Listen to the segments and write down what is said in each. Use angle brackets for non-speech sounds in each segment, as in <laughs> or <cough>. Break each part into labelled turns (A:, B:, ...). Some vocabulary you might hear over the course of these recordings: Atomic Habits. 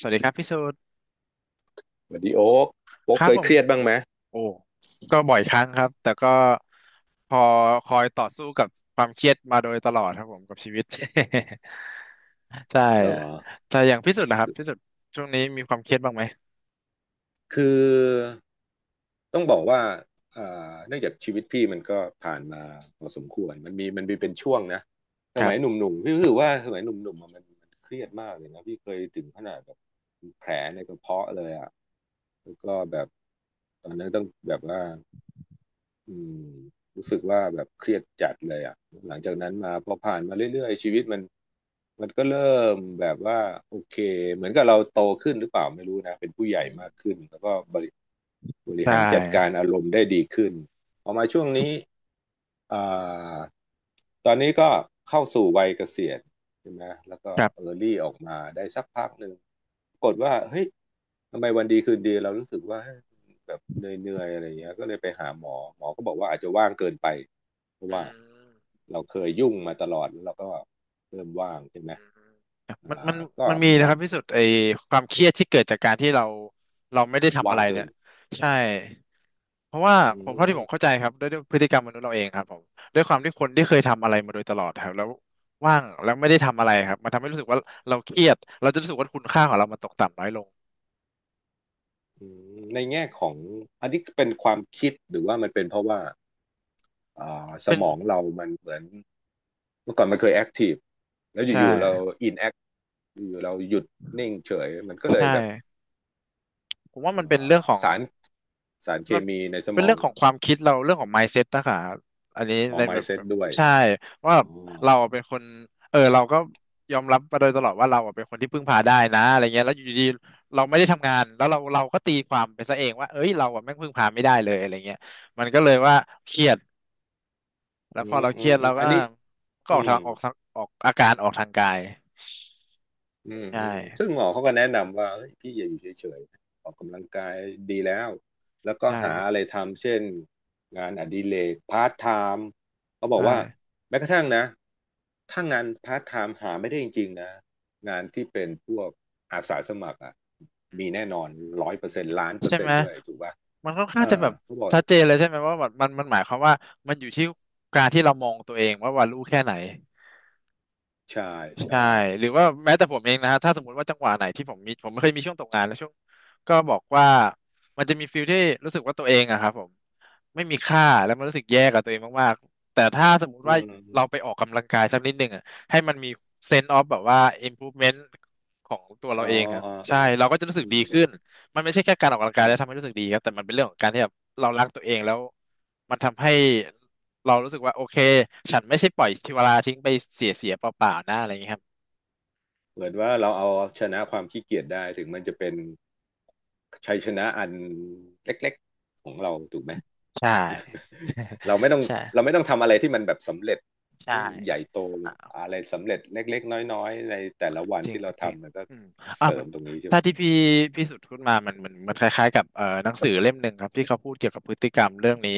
A: สวัสดีครับพี่สูตร
B: สวัสดีโอ๊ก โอ๊
A: ค
B: ก
A: รั
B: เค
A: บผ
B: ยเค
A: ม
B: รียดบ้างไหม
A: โอ้ก็บ่อยครั้งครับแต่ก็พอคอยต่อสู้กับความเครียดมาโดยตลอดครับผมกับชีวิต <laughs> ใช่
B: เหรอ
A: แต่อย่างพี่สุดนะครับพี่สุดช่วงนี้มีความเครียดบ้างไหม
B: คือต้องบอกว่าเอ่เนื่องจากชีวิตพี่มันก็ผ่านมาพอสมควรมันมีเป็นช่วงนะส
A: ครั
B: มัยห
A: บ
B: นุ่มๆ พี่รู้สึกว่าสมัยหนุ่มๆอะมันเครียดมากเลยนะพี่เคยถึงขนาดแบบมีแผลในกระเพาะเลยอ่ะ แล้วก็แบบตอนนั้นต้องแบบว่า อืมรู้สึกว่าแบบเครียดจัดเลยอ่ะหลังจากนั้นมาพอผ่านมาเรื่อยๆชีวิตมันก็เริ่มแบบว่าโอเคเหมือนกับเราโตขึ้นหรือเปล่าไม่รู้นะเป็นผู้ใหญ่
A: อืม
B: มากขึ้นแล้วก็บริ
A: ใช
B: หารจัดการ
A: ่
B: อารมณ์ได้ดีขึ้นพอมาช่วงนี้อ่าตอนนี้ก็เข้าสู่วัยเกษียณใช่ไหมแล้วก็
A: ครั
B: เอ
A: บ
B: อร์ลี่ออกมาได้สักพักหนึ่งปรากฏว่าเฮ้ย ทำไมวันดีคืนดีเรารู้สึกว่าแบบเหนื่อยๆอะไรอย่างเงี้ยก็เลยไปหาหมอหมอก็บอกว่าอาจจะว่างเกินไปเพราะ
A: อื
B: ว่า
A: ม
B: เราเคยยุ่งมาตลอดแล้วเราก็เริ่มว่างใช่ไห
A: อ
B: ม
A: ืมมันมัน
B: ก็
A: มันมี
B: หมอ
A: นะครับพี่สุดไอ้ความเครียดที่เกิดจากการที่เราไม่ได้ทำอะ
B: ว่าง
A: ไร
B: เกิ
A: เนี่ย
B: น
A: ใช่ เพราะว่า
B: อื
A: ผมเท่าที่ผ
B: ม
A: มเข้าใจครับด้วยพฤติกรรมมนุษย์เราเองครับผมด้วยความที่คนที่เคยทำอะไรมาโดยตลอดครับแล้วว่างแล้วไม่ได้ทำอะไรครับมันทำให้รู้สึกว่าเราเครียดเราจะรู้สึกว่าคุณค่าของเรามันตกต่ำน้อยลง
B: อืมในแง่ของอันนี้เป็นความคิดหรือว่ามันเป็นเพราะว่าส
A: เป็น
B: มองเรามันเหมือนเมื่อก่อนมันเคยแอคทีฟแล้ว
A: ใช่
B: อินแอคอยู่ๆเราหยุดนิ่งเฉยมันก็เล
A: ใช่
B: ยแบบ
A: ผมว่า
B: เ
A: มันเป็น
B: อ่
A: เรื่อง
B: อ
A: ของ
B: สารสารเค
A: มัน
B: มีในส
A: เป็
B: ม
A: น
B: อ
A: เรื่
B: ง
A: องของความคิดเราเรื่องของ mindset นะคะอันนี้
B: อ๋อ
A: ในแบบแบ
B: mindset
A: บ
B: ด้วย
A: ใช่
B: อ๋อ
A: ว่าแบบเราเป็นคนเออเราก็ยอมรับมาโดยตลอดว่าเราอะเป็นคนที่พึ่งพาได้นะอะไรเงี้ยแล้วอยู่ดีๆเราไม่ได้ทำงานแล้วเราก็ตีความไปซะเองว่าเอ้ยเราอะแม่งพึ่งพาไม่ได้เลยอะไรเงี้ยมันก็เลยว่าเครียดแล้
B: อื
A: วพอ
B: ม
A: เราเค
B: อื
A: รี
B: ม
A: ยด
B: อื
A: เรา
B: ม
A: ก็
B: อันนี้
A: ก็
B: อืม
A: ออกอาการออกทางกาย
B: อืม
A: ใช่
B: อืมซึ่งหมอเขาก็แนะนำว่าเฮ้ยพี่อย่าอยู่เฉยๆออกกำลังกายดีแล้วแล้วก็
A: ใช่
B: หาอะไรทำเช่นงานอดิเรกพาร์ทไทม์เขาบอก
A: ใช่
B: ว่าแม้กระทั่งนะถ้างานพาร์ทไทม์หาไม่ได้จริงๆนะงานที่เป็นพวกอาสาสมัครอ่ะมีแน่นอน100%ล้านเปอ
A: ใช่
B: ร์เซ็
A: ไห
B: น
A: ม
B: ต์ด้วยถูกป่ะ
A: มันค่อนข้า
B: เอ
A: งจะ
B: อ
A: แบบ
B: เขาบอก
A: ชัดเจนเลยใช่ไหมว่าแบบมันหมายความว่ามันอยู่ที่การที่เรามองตัวเองว่ารู้แค่ไหน
B: ใช่ใช่
A: ใช่หรือว่าแม้แต่ผมเองนะฮะถ้าสมมติว่าจังหวะไหนที่ผมมีผมไม่เคยมีช่วงตกงานแล้วช่วงก็บอกว่ามันจะมีฟิลที่รู้สึกว่าตัวเองอะครับผมไม่มีค่าแล้วมันรู้สึกแย่กับตัวเองมากๆแต่ถ้าสมมุติ
B: อื
A: ว่าเราไป
B: ม
A: ออกกำลังกายสักนิดหนึ่งอะให้มันมี sense of แบบว่า improvement ของตัวเรา
B: อ๋อ
A: เองครับ
B: อ๋อ
A: ใช่
B: อ๋อ
A: เราก็จะรู้สึก
B: อื
A: ดี
B: ม
A: ขึ้นมันไม่ใช่แค่การออกกำลังกาย
B: อื
A: แล้
B: ม
A: วทำให้รู้สึกดีครับแต่มันเป็นเรื่องของการที่แบบเรารักตัวเองแล้วมันทำให้เรารู้สึกว่าโอเคฉันไม่ใช่ปล่อยชีวาลาทิ้งไปเสียเปล่าๆนะอะไรอย่างเงี้ยครับ
B: เหมือนว่าเราเอาชนะความขี้เกียจได้ถึงมันจะเป็นชัยชนะอันเล็กๆของเราถูกไหม
A: ใช่
B: เราไม่ต้อง
A: <laughs> ใช่
B: เราไม่ต้องทำอะไรที่มันแบบสำเร็จ
A: ใช่
B: ยิ่งใหญ่โต
A: อ่า
B: อะไรสำเร็จเล็กๆน้อยๆในแต่ละวัน
A: จริง
B: ที่เรา
A: จริง
B: ทำมันก็
A: อืมอ่ะ
B: เสริ
A: มั
B: ม
A: น
B: ตรงนี้ใช่ไหม
A: ถ้าที่พี่สุดพูดมามันคล้ายๆกับหนังสือเล่มหนึ่งครับที่เขาพูดเกี่ยวกับพฤติกรรมเรื่องนี้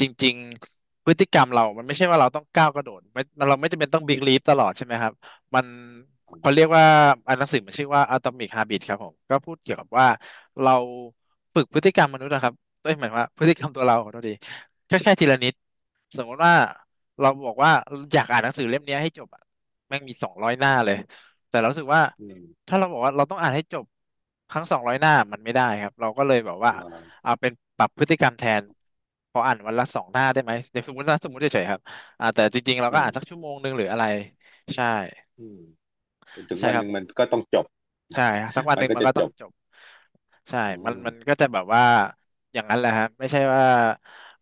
A: จริงๆพฤติกรรมเรามันไม่ใช่ว่าเราต้องก้าวกระโดดไม่เราไม่จำเป็นต้องบิ๊กลีฟตลอดใช่ไหมครับมันเขาเรียกว่าอันหนังสือมันชื่อว่า Atomic Habit ครับผมก็พูดเกี่ยวกับว่าเราฝึกพฤติกรรมมนุษย์นะครับเอ้ยหมายความว่าพฤติกรรมตัวเราขอโทษดีแค่ทีละนิดสมมติว่าเราบอกว่าอยากอ่านหนังสือเล่มเนี้ยให้จบอะแม่งมีสองร้อยหน้าเลย แต่เรารู้สึกว่า
B: อืม
A: ถ้าเราบอกว่าเราต้องอ่านให้จบทั้งสองร้อยหน้ามันไม่ได้ครับเราก็เลยแบบว่า
B: อืม
A: เอาเป็นปรับพฤติกรรมแทนพออ่านวันละสองหน้าได้ไหมอย่างสมมตินะสมมติเฉยๆครับอ่าแต่จริงๆเรา
B: อื
A: ก็
B: ม
A: อ่านสักชั่วโมงหนึ่งหรืออะไรใช่
B: อืมจนถึง
A: ใช่
B: วัน
A: ค
B: ห
A: รับ
B: นึ่งมันก็ต้องจบ
A: ใช่ฮะสักวัน
B: <laughs> มั
A: ห
B: น
A: นึ่ง
B: ก็
A: มัน
B: จะ
A: ก็ต้
B: จ
A: อง
B: บ
A: จบใช่
B: อ๋อ
A: มันก็จะแบบว่าอย่างนั้นแหละฮะไม่ใช่ว่า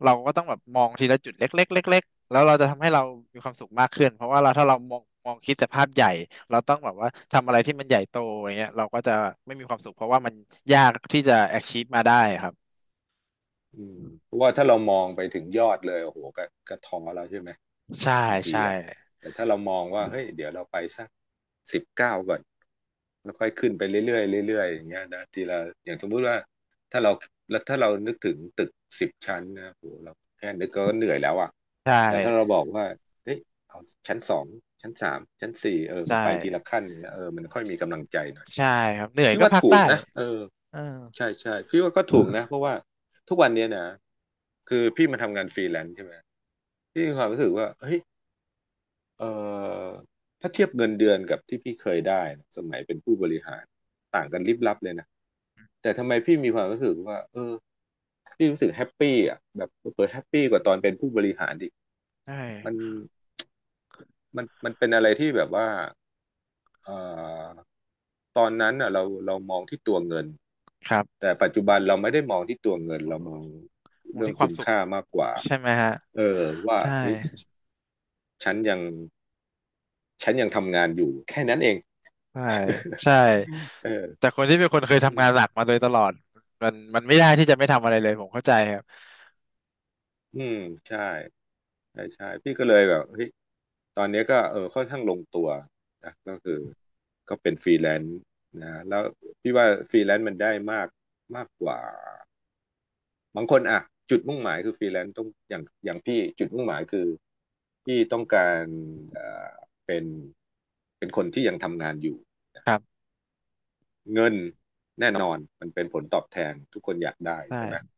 A: เราก็ต้องแบบมองทีละจุดเล็กๆเล็กๆแล้วเราจะทำให้เรามีความสุขมากขึ้นเพราะว่าเราถ้าเรามองคิดแต่ภาพใหญ่เราต้องแบบว่าทำอะไรที่มันใหญ่โตอย่างเงี้ยเราก็จะไม่มีความสุขเพราะว่ามันยากที่จะ achieve มาได้ครับ
B: อืมเพราะว่าถ้าเรามองไปถึงยอดเลยโอ้โหก็ท้อแล้วใช่ไหม
A: ใช่
B: บางที
A: ใช่
B: อ่ะแต่ถ้าเรามองว่าเฮ้ยเดี๋ยวเราไปสัก19ก่อนแล้วค่อยขึ้นไปเรื่อยๆเรื่อยๆอย่างเงี้ยนะทีละอย่างสมมุติว่าถ้าเราแล้วถ้าเรานึกถึงตึก10 ชั้นนะโหเราแค่นึกก็เหนื่อยแล้วอ่ะ
A: ใช่
B: แต่ถ้าเราบอกว่าเฮ้ยเอาชั้นสองชั้นสามชั้นสี่เออมั
A: ใช่
B: นไปทีละขั้นเนี่ยเออมันค่อยมีกำลังใจหน่อย
A: ใช่ครับเหนื่อย
B: พี่
A: ก็
B: ว่า
A: พัก
B: ถู
A: ได้
B: กนะเออ
A: เออ
B: ใช่ใช่พี่ว่าก็ถูกนะเพราะว่าทุกวันเนี้ยนะคือพี่มาทำงานฟรีแลนซ์ใช่ไหมพี่มีความรู้สึกว่าเฮ้ย เอ่อถ้าเทียบเงินเดือนกับที่พี่เคยได้นะสมัยเป็นผู้บริหารต่างกันลิบลับเลยนะแต่ทำไมพี่มีความรู้สึกว่าเออพี่รู้สึกแฮปปี้อ่ะแบบเปิดแฮปปี้กว่าตอนเป็นผู้บริหารดิ
A: ใช
B: มัน
A: ่
B: มันเป็นอะไรที่แบบว่าเอ่อตอนนั้นอ่ะเรามองที่ตัวเงิน
A: ครับ
B: แต่ปัจจุบันเราไม่ได้มองที่ตัวเงินเรามอง
A: มอง
B: เรื่อง
A: ที่ค
B: คุ
A: วาม
B: ณ
A: สุข
B: ค่ามากกว่า
A: ใช่ไหมฮะ
B: เออว่า
A: ใช่
B: เฮ้ยฉันยังฉันยังทำงานอยู่แค่นั้นเอง
A: ใช่ใช่
B: <laughs> เออ
A: แต่คนที่เป็นคนเคย
B: อื
A: ทำ
B: ม
A: งานหลักมาโดยตลอดมันไม่ได้ที่จะไม่ทำอะไรเลยผมเข้าใจครับ
B: อืมใช่ใช่ใช่พี่ก็เลยแบบเฮ้ยตอนนี้ก็เออค่อนข้างลงตัวนะก็คือก็เป็นฟรีแลนซ์นะแล้วพี่ว่าฟรีแลนซ์มันได้มากมากกว่าบางคนอ่ะจุดมุ่งหมายคือฟรีแลนซ์ต้องอย่างพี่จุดมุ่งหมายคือพี่ต้องการเอ่อเป็นเป็นคนที่ยังทำงานอยู่
A: ครับ
B: เงินแน่นอนมันเป็นผลตอบแทนทุกคนอยากได้ใช่ไหม
A: ใช่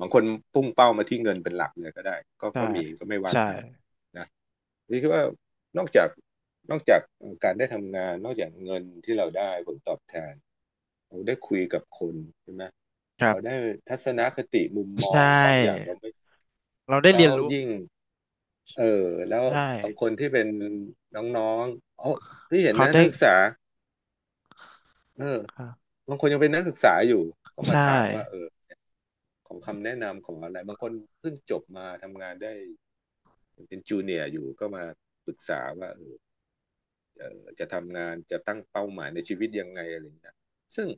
B: บางคนพุ่งเป้ามาที่เงินเป็นหลักเลยก็ได้ก็
A: ใช่
B: ก็มีก็ไม่ว่า
A: ใช่
B: กันนะนี่คือว่านอกจากนอกจากการได้ทำงานนอกจากเงินที่เราได้ผลตอบแทนเราได้คุยกับคนใช่ไหม
A: ครั
B: เรา
A: บ
B: ได้ทัศนคติมุมม
A: ใช
B: องบางอย่าง
A: ่
B: เราไม่
A: เราได้
B: แล้
A: เรีย
B: ว
A: นรู้
B: ยิ่งเออแล้ว
A: ใช่
B: บางคนที่เป็นน้องๆเออที่เห็น
A: เขา
B: นะ
A: ได้
B: นักศึกษาเออ
A: ครับ
B: บางคนยังเป็นนักศึกษาอยู่ก็มา
A: ใช่
B: ถามว่าเออ ของคำแนะนำของอะไรบางคนเพิ่งจบมาทำงานได้เป็นจูเนียร์อยู่ก็มาปรึกษาว่าจะทำงานจะตั้งเป้าหมายในชีวิตยังไงอะไรอย่างเงี้ยซึ่ง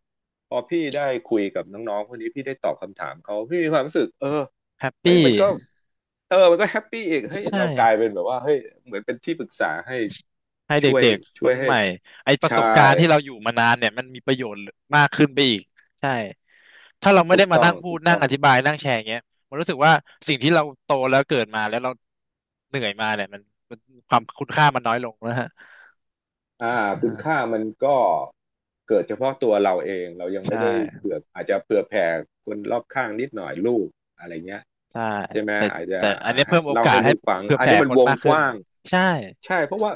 B: พอพี่ได้คุยกับน้องๆพวกนี้พี่ได้ตอบคำถามเขาพี่มีความรู้สึก
A: แฮป
B: เฮ้ย
A: ปี้
B: มันก็มันก็แฮปปี้อีกเฮ้ย
A: ใช่
B: เรากลายเป็นแบบว่าเฮ้ยเหมือนเป็นที่ปรึกษาให้
A: ให้
B: ช่วย
A: เด็กๆค
B: ช่ว
A: น
B: ยให้
A: ใหม่ไอประส
B: ใช่
A: บการณ์ที่เราอยู่มานานเนี่ยมันมีประโยชน์มากขึ้นไปอีกใช่ถ้าเราไม่
B: ถู
A: ได้
B: ก
A: มา
B: ต้อ
A: นั่
B: ง
A: งพู
B: ถู
A: ด
B: ก
A: นั่ง
B: ต้อง
A: อธิบายนั่งแชร์อย่างเงี้ยมันรู้สึกว่าสิ่งที่เราโตแล้วเกิดมาแล้วเราเหนื่อยมาเนี่ยมันความคุณค่ามันน้อยลงนะฮะ
B: อ่า
A: อ่
B: คุณ
A: า
B: ค่ามันก็เกิดเฉพาะตัวเราเองเรายัง
A: ใช
B: ไม่ได้
A: ่
B: เผื่ออาจจะเผื่อแผ่คนรอบข้างนิดหน่อยลูกอะไรเงี้ย
A: ใช่
B: ใช่ไหม
A: แต่
B: อาจจะ
A: แต่อัน
B: อ่า
A: นี้
B: ให้
A: เพิ่มโอ
B: เล่า
A: กาส
B: ให้
A: ให้
B: ลูกฟัง
A: เผื่อ
B: อัน
A: แผ่
B: นี้มั
A: ค
B: น
A: น
B: วง
A: มาก
B: ก
A: ขึ้น
B: ว้าง
A: ใช่
B: ใช่เพราะว่า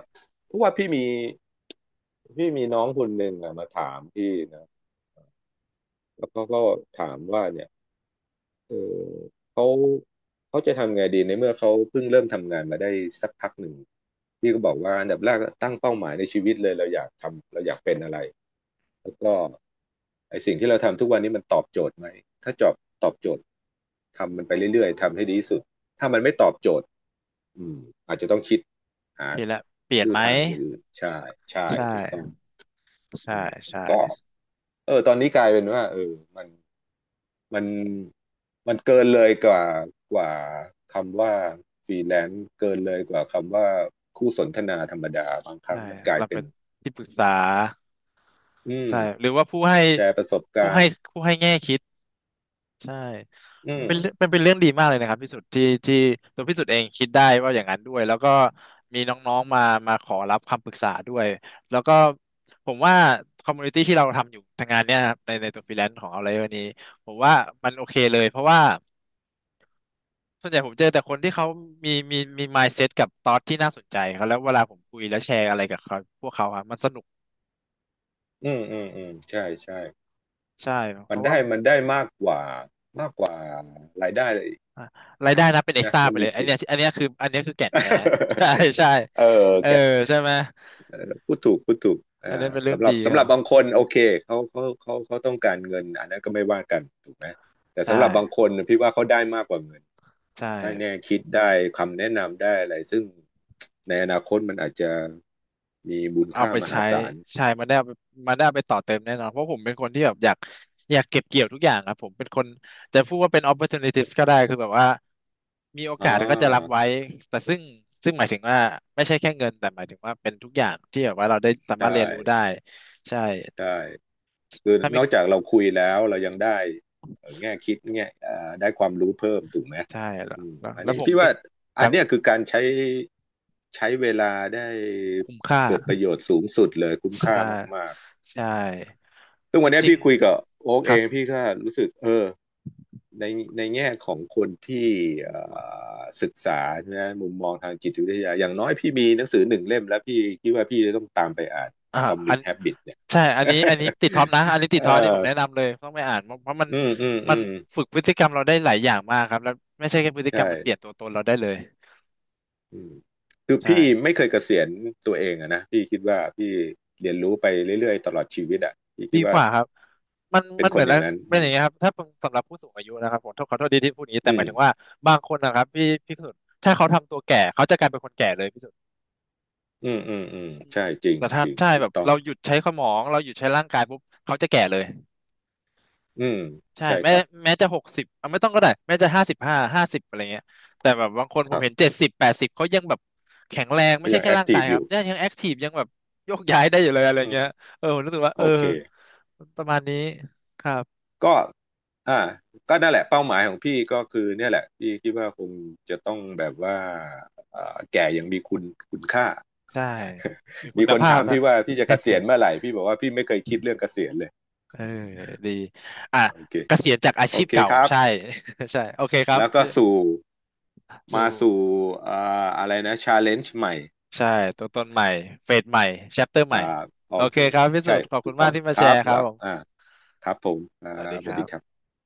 B: เพราะว่าพี่มีน้องคนหนึ่งอะมาถามพี่นะแล้วเขาก็ถามว่าเนี่ยเออเขาเขาจะทำไงดีในเมื่อเขาเพิ่งเริ่มทำงานมาได้สักพักหนึ่งพี่ก็บอกว่าอันดับแรกตั้งเป้าหมายในชีวิตเลยเราอยากทำเราอยากเป็นอะไร แล้วก็ไอสิ่งที่เราทำทุกวันนี้มันตอบโจทย์ไหมถ้าจอบตอบโจทย์ทำมันไปเรื่อยๆทำให้ดีที่สุดถ้ามันไม่ตอบโจทย์อืมอาจจะต้องคิดหา
A: เปลี่ยนละเปลี่ยน
B: ลู่
A: ไหม
B: ทางอย่างอื่นใช่ใช่
A: ใช่
B: ถูกต้องอื
A: ใช่
B: ม
A: ใช่
B: ก็ตอนนี้กลายเป็นว่ามันมันมันเกินเลยกว่าคำว่าฟรีแลนซ์เกินเลยกว่าคำว่าคู่สนทนาธรรมดาบางครั้
A: ใช่
B: งมันกลาย
A: เรา
B: เป็
A: เป็
B: น
A: นที่ปรึกษา
B: อืม
A: ใช่หรือว่าผู้ให้
B: แชร์ประสบ
A: ผู้
B: การ
A: ให้
B: ณ์
A: ผู้ให้แง่คิด ใช่
B: อืม
A: มันเป็นเรื่องดีมากเลยนะครับพี่สุดที่ตัวพี่สุดเองคิดได้ว่าอย่างนั้นด้วยแล้วก็มีน้องๆมาขอรับคำปรึกษาด้วยแล้วก็ผมว่าคอมมูนิตี้ที่เราทำอยู่ทางงานเนี่ยนะครับในตัวฟรีแลนซ์ของเราเลยวันนี้ผมว่ามันโอเคเลยเพราะว่าส่วนใหญ่ผมเจอแต่คนที่เขามี mindset กับ thought ที่น่าสนใจเขาแล้วเวลาผมคุยแล้วแชร์อะไรกับเขาพวกเขาครับมันสนุก
B: อืมใช่ใช่
A: ใช่เพ
B: มัน
A: ราะว่า
B: ได้มันได้มากกว่ากว่ารายได้
A: อ่ะรายได้นะเป็นเอ็กซ์
B: นะ
A: ตร้า
B: มั
A: ไป
B: น
A: เล
B: มี
A: ยอัน
B: สิ่ง
A: เนี้ยอันเนี้ยคืออันเนี้ยคือแก่นแท้ <laughs> ใช่ใช่
B: <laughs> เออ
A: เออ
B: แก
A: ใช่ไหม
B: พูดถูกพูดถูก
A: อันเนี้ย
B: อ่า
A: เป็นเรื่อง
B: สำหรั
A: ดี
B: บ
A: ค
B: สำห
A: รั
B: รับบาง
A: บ
B: คนโอเคเขาต้องการเงินอันนั้นก็ไม่ว่ากันถูกไหมแต่
A: ใช
B: สำหรับบางค
A: ่
B: นน่ะพี่ว่าเขาได้มากกว่าเงิน
A: ใช่
B: ได้แนวคิดได้คำแนะนำได้อะไรซึ่งในอนาคตมันอาจจะมีมูล
A: เอา
B: ค่า
A: ไป
B: มหา
A: ใช้
B: ศาล
A: ใช่มันได้เอาไปต่อเติมแน่นอนเพราะผมเป็นคนที่แบบอยากอยากเก็บเกี่ยวทุกอย่างครับผมเป็นคนจะพูดว่าเป็น opportunities ก็ได้คือแบบว่ามีโอ
B: อ่
A: กาสก็จะรับ
B: า
A: ไว้แต่ซึ่งหมายถึงว่าไม่ใช่แค่เงินแต่หมายถึงว่าเป็นทุกอย่างที่แบบว่าเราได้สา
B: ได้
A: มารถเรียนรู้ได้ใช่
B: ได้ คือ
A: ถ้า
B: น
A: ไม่
B: อกจากเราคุยแล้วเรายังได้แง่คิดแง่ได้ความรู้เพิ่มถูกไหม
A: ใช่แล้ว
B: อืม
A: แล้ว
B: อัน
A: แล้ว
B: นี้
A: ผม
B: พี่
A: เป็น
B: ว่า
A: ค
B: อั
A: รั
B: น
A: บผ
B: เนี้
A: ม
B: ยคือการใช้ใช้เวลาได้
A: คุ้มค่า
B: เกิดประโยชน์สูงสุดเลยคุ้มค่า
A: ใช่
B: มากๆ
A: ใช่
B: ซึ่ง
A: จ
B: วันนี้
A: ริง
B: พี่คุยกับโอ๊ก
A: ๆค
B: เอ
A: รับ
B: งพี่ก็รู้สึกในในแง่ของคนที่เอ่ศึกษานะมุมมองทางจิตวิทยาอย่างน้อยพี่มีหนังสือหนึ่งเล่มแล้วพี่คิดว่าพี่จะต้องตามไปอ่าน
A: อ่าอั
B: Atomic
A: น
B: Habit เนี่ย <laughs>
A: ใช่อันนี้อันนี้ติดท็อปนะอันนี้ติด
B: เอ
A: ท็อปอันนี้ผ
B: อ
A: มแนะนำเลยต้องไปอ่านเพราะมัน
B: อืมอืม
A: มั
B: อื
A: น
B: ม
A: ฝึกพฤติกรรมเราได้หลายอย่างมากครับแล้วไม่ใช่แค่พฤ
B: ใ
A: ติกรรมมันเปลี่ยน
B: ช่
A: ตัวตนเราได้เลย
B: อืมคือพี่
A: ใช่
B: ไม่เคยเกษียณตัวเองอะนะพี่คิดว่าพี่เรียนรู้ไปเรื่อยๆตลอดชีวิตอะพี่
A: ดี
B: คิด
A: ก
B: ว่า
A: ว่าครับมัน
B: เป็น
A: มัน
B: ค
A: เหมื
B: น
A: อน
B: อ
A: แล้
B: ย่า
A: ว
B: งนั้น
A: เป็นอย่างเงี้ยครับถ้าเป็นสำหรับผู้สูงอายุนะครับผมขอโทษดีที่พูดอย่างนี้
B: อื
A: แต่หมายถึงว่า
B: ม
A: บางคนนะครับพี่สุดถ้าเขาทำตัวแก่เขาจะกลายเป็นคนแก่เลยพี่สุด
B: อืม
A: อืม
B: ใช่จริง
A: แต่ถ้า
B: จริง
A: ใช่
B: ถู
A: แบ
B: ก
A: บ
B: ต้อง
A: เราหยุดใช้สมองเราหยุดใช้ร่างกายปุ๊บเขาจะแก่เลย
B: อืม
A: ใช่
B: ใช่
A: แม้
B: ครับ
A: แม้จะ60เอาไม่ต้องก็ได้แม้จะ55ห้าสิบอะไรเงี้ยแต่แบบบางคน
B: ค
A: ผม
B: รั
A: เห็น
B: บ
A: 7080เขายังแบบแข็งแรงไม่
B: ก็
A: ใช่
B: ยัง
A: แค่
B: แอค
A: ร่าง
B: ที
A: กา
B: ฟ
A: ย
B: อ
A: ครับ
B: ยู่
A: ยังแอคทีฟยังแบบโยกย้ายได้อยู่เลยอะไร
B: อืม
A: เงี้ยเออผมรู้สึกว่า
B: โอ
A: เออ
B: เค
A: ประมาณนี้ครับ
B: ก็อ่าก็นั่นแหละเป้าหมายของพี่ก็คือเนี่ยแหละพี่คิดว่าคงจะต้องแบบว่าเอ่าแก่ยังมีคุณคุณค่า
A: ใช่มี
B: <laughs>
A: คุ
B: มี
A: ณ
B: คน
A: ภาพ
B: ถาม
A: นะ
B: พี่ว่าพี่จะเกษียณเมื่อไหร่พี่บอกว่าพี่ไม่เคยคิดเรื่องเกษียณเลย
A: <laughs> เออดีอ่ะ
B: โอเค
A: เกษียณจากอา
B: โอ
A: ชีพ
B: เค
A: เก่า
B: ครับ
A: ใช่ <laughs> ใช่โอเคครับ
B: แล้วก็
A: พี่
B: สู่
A: สู่
B: มาสู่อ่าอะไรนะชาเลนจ์ใหม่
A: ใช่ตัวตนใหม่เฟสใหม่แชปเตอร์ให
B: อ่า
A: ม่
B: โอ
A: โอเค
B: เค
A: ครับพี่สุ
B: ใช่
A: ดขอบ
B: ถู
A: คุณ
B: กต้
A: มา
B: อ
A: ก
B: ง
A: ที่มา
B: ค
A: แช
B: รับ
A: ร์ครั
B: แล้
A: บ
B: ว
A: ผ
B: อ่า
A: ม
B: ครับผมอ่า
A: สวัสดี
B: ส
A: ค
B: วัส
A: รั
B: ดี
A: บ
B: ครับ